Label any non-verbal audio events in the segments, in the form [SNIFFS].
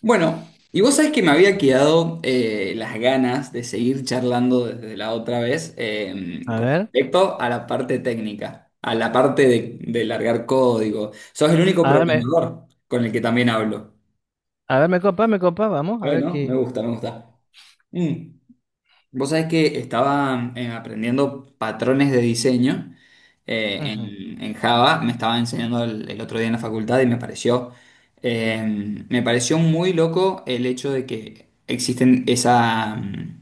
Bueno, y vos sabés que me había quedado las ganas de seguir charlando desde la otra vez A con ver, respecto a la parte técnica, a la parte de largar código. Sos el único a ver, me, programador con el que también hablo. Me copa, vamos, a ver Bueno, me qué. gusta, me gusta. Mm. Vos sabés que estaba aprendiendo patrones de diseño Ujú. En Java, me estaba enseñando el otro día en la facultad y me pareció muy loco el hecho de que existen esa... mm,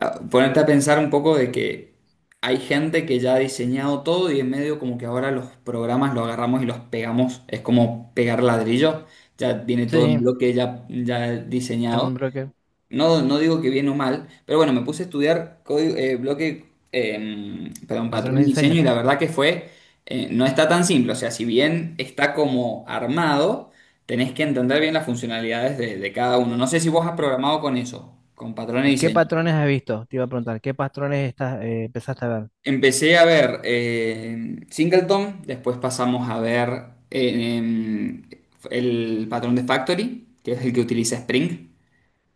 ah, Ponerte a pensar un poco de que hay gente que ya ha diseñado todo y en medio como que ahora los programas los agarramos y los pegamos, es como pegar ladrillo, ya viene todo en Sí, bloque ya, ya diseñado. un broker, No, no digo que bien o mal, pero bueno, me puse a estudiar código, perdón, patrones de patrones de diseño diseño. y la verdad que fue, no está tan simple, o sea, si bien está como armado, tenés que entender bien las funcionalidades de cada uno. No sé si vos has ¿Y, programado con eso, con patrones de y qué diseño. patrones has visto? Te iba a preguntar, ¿qué patrones estás, empezaste a ver? Empecé a ver Singleton, después pasamos a ver eh, em, el patrón de Factory, que es el que utiliza Spring.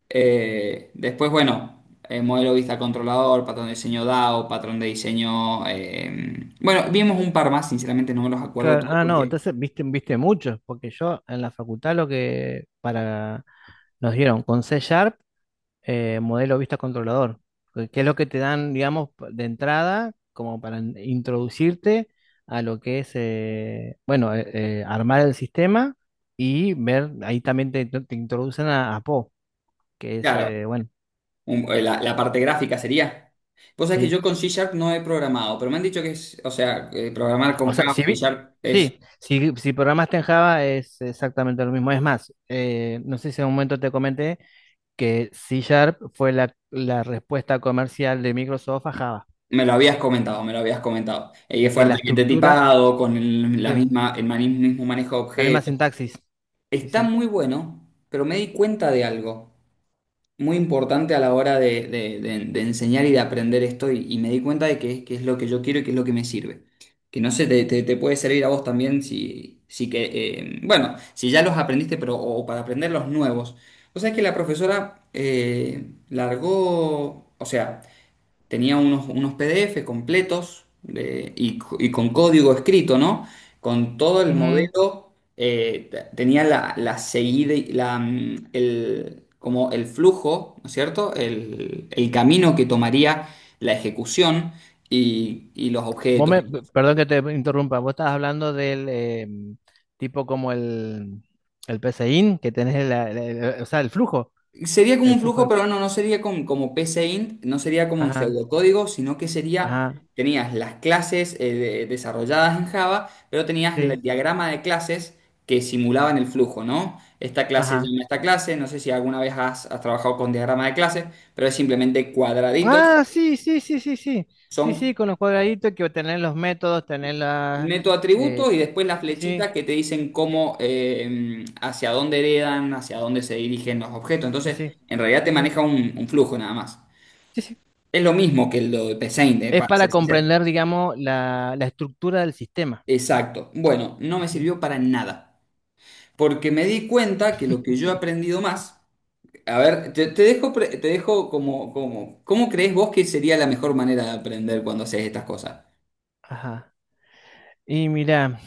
Después, bueno, modelo vista controlador, patrón de diseño DAO, patrón de diseño. Bueno, vimos un par más, sinceramente no me los acuerdo Claro, todos ah, no, porque, entonces viste, viste muchos, porque yo en la facultad lo que para nos dieron con C Sharp, modelo vista controlador, que es lo que te dan, digamos, de entrada, como para introducirte a lo que es, armar el sistema y ver, ahí también te introducen a Po, que es, claro, bueno, la, la parte gráfica sería. Vos sabés que sí. yo con C Sharp no he programado, pero me han dicho que es, o sea, programar O con sea, Java, C Sharp es. sí, si programaste en Java es exactamente lo mismo. Es más, no sé si en un momento te comenté que C Sharp fue la, la respuesta comercial de Microsoft a Java Me lo habías comentado, me lo habías comentado. Y y es que la fuertemente estructura... tipado, con la Sí. misma, mismo manejo de La misma objetos. sintaxis. Sí, Está sí. muy bueno, pero me di cuenta de algo muy importante a la hora de enseñar y de aprender esto y me di cuenta de que es que es lo que yo quiero y que es lo que me sirve. Que no sé, te puede servir a vos también si, si que, bueno, si ya los aprendiste, pero o para aprender los nuevos. O sea, que la profesora largó, o sea, tenía unos, unos PDF completos y, y con código escrito, ¿no? Con todo el Ujú. modelo, tenía la, la seguida, y como el flujo, ¿no es cierto? El camino que tomaría la ejecución y los objetos. Perdón que te interrumpa, vos estabas hablando del tipo como el PCIN, que tenés el, o sea, Sería como el un flujo de... flujo, pero no, no sería como PCInt, no sería como en Ajá, pseudocódigo, sino que sería, ajá, tenías las clases desarrolladas en Java, pero tenías sí, el diagrama de clases que simulaban el flujo, ¿no? Esta clase ajá. llama a esta clase, no sé si alguna vez has, has trabajado con diagrama de clases, pero es simplemente cuadraditos, Ah, sí, sí, sí, sí, sí, sí, sí, son con los cuadraditos que tenés los métodos, tenés la... neto eh, atributos y después las sí, sí, flechitas que te dicen sí, cómo, hacia dónde heredan, hacia dónde se dirigen los objetos. sí, Entonces, sí, en realidad te sí, sí, maneja un flujo nada más. sí, sí. Es lo mismo que lo de P. Saint, Es para para ser sincero. comprender, digamos, la estructura del sistema. Exacto. Bueno, no Sí, me sí. sirvió para nada. Porque me di cuenta que lo que yo he aprendido más. A ver, te dejo, te dejo como, como. ¿Cómo crees vos que sería la mejor manera de aprender cuando haces estas cosas? Ajá. Y mirá.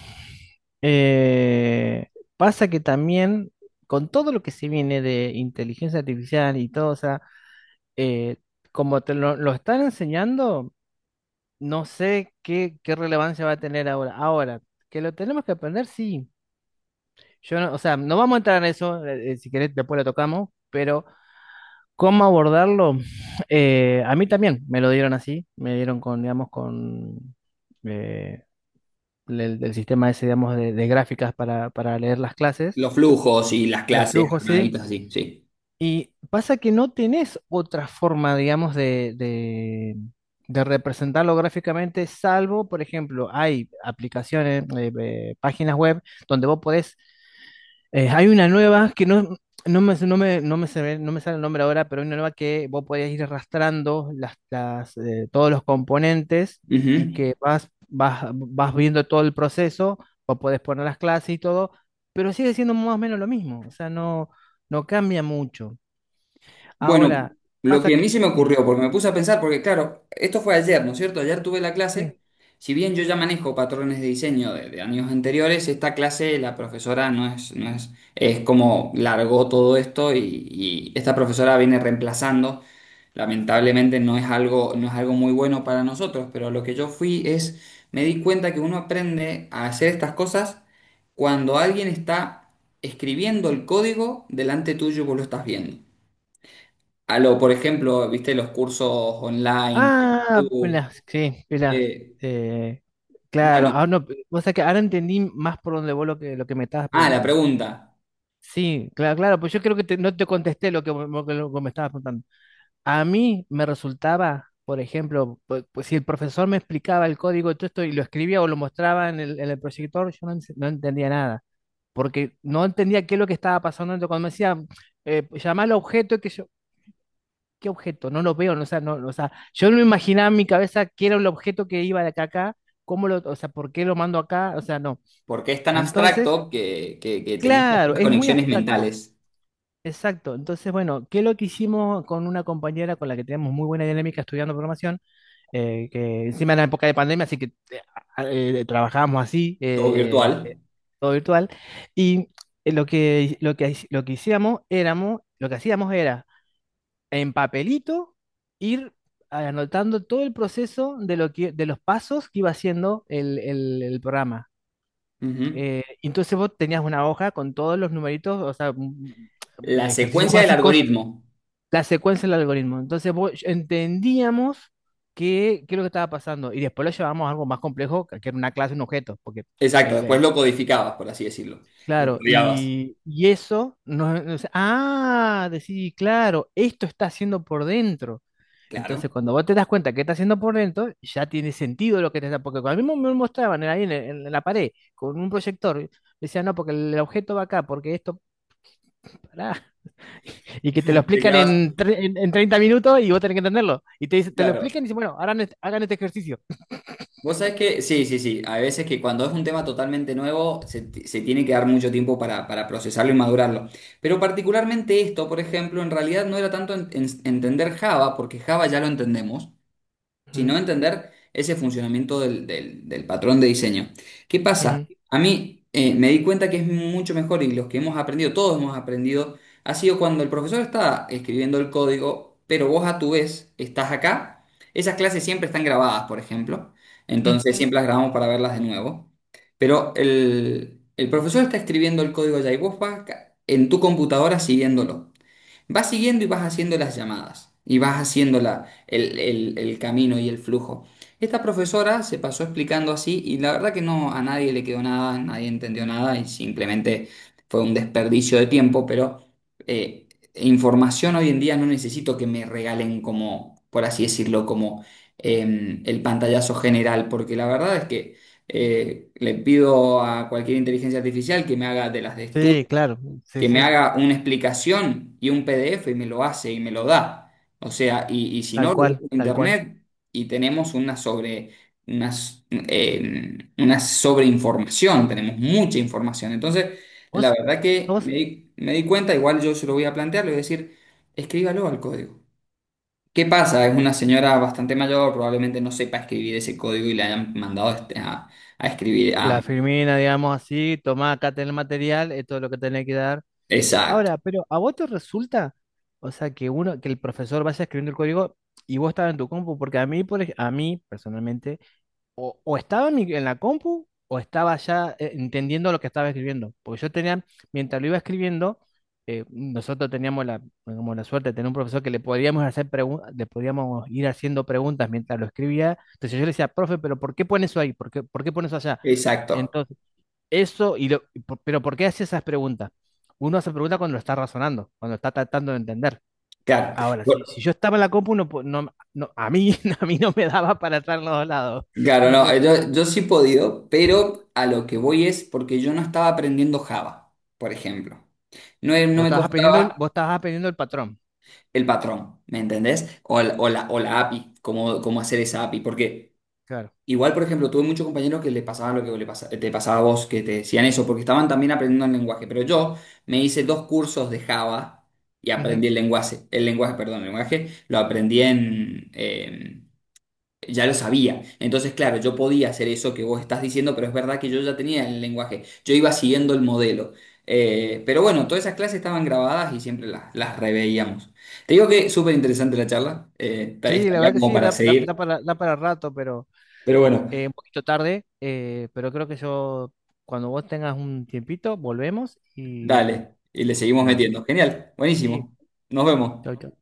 Eh, pasa que también con todo lo que se viene de inteligencia artificial y todo, o sea, eh, como te lo están enseñando, no sé qué, qué relevancia va a tener ahora. Ahora, que lo tenemos que aprender, sí. Yo no- o sea, no vamos a entrar en eso, si querés después lo tocamos, pero cómo abordarlo, [SNIFFS] a mí también me lo dieron así, me dieron con, digamos, con eh, el sistema ese, digamos, de gráficas para leer las clases. Los flujos y las Los clases flujos, sí. armaditas así, sí. Y pasa que no tenés otra forma, digamos, de representarlo gráficamente, salvo, por ejemplo, hay aplicaciones, páginas web donde vos podés, hay una nueva que no, no me, no me, no me, se no me sale el nombre ahora, pero hay una nueva que vos podés ir arrastrando las, todos los componentes y Ujú. que vas viendo todo el proceso, vos podés poner las clases y todo, pero sigue siendo más o menos lo mismo, o sea, no, no cambia mucho. Bueno, Ahora, lo pasa que a que... mí se me Sí, ocurrió, porque me puse a pensar, porque claro, esto fue ayer, ¿no es cierto? Ayer tuve la clase, sí. si bien yo ya manejo patrones de diseño de años anteriores, esta clase la profesora no es, no es, es como largó todo esto y esta profesora viene reemplazando. Lamentablemente no es algo, no es algo muy bueno para nosotros, pero lo que yo fui es, me di cuenta que uno aprende a hacer estas cosas cuando alguien está escribiendo el código delante tuyo y vos lo estás viendo. A lo, por ejemplo, viste los cursos online de Ah, YouTube. mirá, sí, mirá, eh, eh, claro, ahora bueno, no, o sea que ahora entendí más por donde vos lo que me estabas la preguntando. pregunta, Sí, claro, claro, pues yo creo que no te contesté lo que, lo que lo que me estabas preguntando. A mí me resultaba, por ejemplo, pues, si el profesor me explicaba el código de todo esto y lo escribía o lo mostraba en el proyector, yo no, no entendía nada, porque no entendía qué es lo que estaba pasando cuando me decía, pues, llamá al objeto, que yo, ¿qué objeto? No lo veo, no, o sea, no, no, o sea, yo no imaginaba en mi cabeza qué era el objeto que iba de acá a acá, cómo lo, o sea, por qué lo mando acá, o sea, no. ¿por qué es tan Entonces, abstracto que tenés que hacer claro, las es muy conexiones abstracto. mentales? Exacto. Entonces, bueno, ¿qué es lo que hicimos con una compañera con la que tenemos muy buena dinámica estudiando programación? Que encima era época de pandemia, así que eh, trabajábamos así, Todo virtual. todo virtual. Y lo que, lo que hacíamos éramos, lo que hacíamos era en papelito ir anotando todo el proceso de lo que, de los pasos que iba haciendo el, el programa. Ujú. Entonces vos tenías una hoja con todos los numeritos, o sea, La ejercicios secuencia del básicos, algoritmo. la secuencia del algoritmo. Entonces entendíamos qué, qué es lo que estaba pasando y después lo llevamos a algo más complejo, que era una clase, un objeto, porque Exacto, el, después lo codificabas, por así decirlo. Lo claro, rodeabas. Y eso nos, ah, decís, claro, esto está haciendo por dentro. Entonces Claro. cuando vos te das cuenta que está haciendo por dentro, ya tiene sentido lo que te está, porque cuando a mí me mostraban ahí en la pared con un proyector, decían, no, porque el objeto va acá, porque esto, pará. Y que te lo Te explican quedabas, en, en 30 minutos y vos tenés que entenderlo. Y te, te lo claro. explican y dicen, bueno, hagan este ejercicio. Vos sabés que, sí, sí, sí, hay veces que cuando es un tema totalmente nuevo se tiene que dar mucho tiempo para procesarlo y madurarlo. Pero particularmente esto, por ejemplo, en realidad no era tanto entender Java, porque Java ya lo entendemos, Ujú, sino entender ese funcionamiento del patrón de diseño. ¿Qué pasa? ujú, A mí me di cuenta que es mucho mejor y los que hemos aprendido, todos hemos aprendido, ha sido cuando el profesor está escribiendo el código, pero vos a tu vez estás acá. Esas clases siempre están grabadas, por ejemplo. Entonces ujú. siempre las grabamos para verlas de nuevo. Pero el profesor está escribiendo el código allá y vos vas acá en tu computadora siguiéndolo. Vas siguiendo y vas haciendo las llamadas y vas haciendo el camino y el flujo. Esta profesora se pasó explicando así y la verdad que no a nadie le quedó nada, nadie entendió nada y simplemente fue un desperdicio de tiempo, pero eh, información hoy en día no necesito que me regalen como, por así decirlo, como el pantallazo general, porque la verdad es que le pido a cualquier inteligencia artificial que me haga de las de Sí, estudio, claro, sí, que me sí, haga una explicación y un PDF y me lo hace y me lo da. O sea, y si no, tal lo busco cual, en tal cual. internet y tenemos una sobre, una, s- una sobreinformación, tenemos mucha información. Entonces, la Vos verdad que sos me di cuenta, igual yo se lo voy a plantear, le voy a decir, escríbalo al código. ¿Qué pasa? Es una señora bastante mayor, probablemente no sepa escribir ese código y le hayan mandado a escribir. La Firmina, digamos así, tomá, acá tenés el material, esto es lo que tenés que dar. Exacto, Ahora, pero ¿a vos te resulta, o sea, que uno, que el profesor vaya escribiendo el código y vos estás en tu compu? Porque a mí, por, a mí, personalmente, o estaba en, en la compu o estaba ya entendiendo lo que estaba escribiendo. Porque yo tenía, mientras lo iba escribiendo, nosotros teníamos la, como la suerte de tener un profesor que le podíamos hacer preguntas, le podíamos ir haciendo preguntas mientras lo escribía. Entonces yo le decía, profe, pero ¿por qué pone eso ahí? Por qué pone eso allá? exacto. Entonces, eso, pero ¿por qué hace esas preguntas? Uno hace preguntas cuando lo está razonando, cuando está tratando de entender. Claro. Ahora, si, si yo estaba en la compu, no, no, no, a mí, [LAUGHS] a mí no me daba para estar en los dos lados. Claro, No no, sé, cómo- yo sí he podido, pero a lo que voy es porque yo no estaba aprendiendo Java, por ejemplo. No, no Vos me estabas aprendiendo el, vos costaba estabas aprendiendo el patrón. el patrón, ¿me entendés? O la API, cómo, cómo hacer esa API. Porque Claro. igual, por ejemplo, tuve muchos compañeros que le pasaba lo que te pasaba a vos, que te decían eso, porque estaban también aprendiendo el lenguaje. Pero yo me hice 2 cursos de Java y aprendí Ujú. El lenguaje, perdón, el lenguaje, lo aprendí en ya lo sabía. Entonces, claro, yo podía hacer eso que vos estás diciendo, pero es verdad que yo ya tenía el lenguaje, yo iba siguiendo el modelo. Pero bueno, todas esas clases estaban grabadas y siempre las reveíamos. Te digo que súper interesante la charla, Sí, la estaría verdad que como sí, para da, da seguir, para, da para rato, pero pero bueno, un poquito tarde. Pero creo que yo, cuando vos tengas un tiempito, volvemos y dale, y le seguimos dale. metiendo. Genial, Sí, buenísimo. Nos vemos. chau, chau.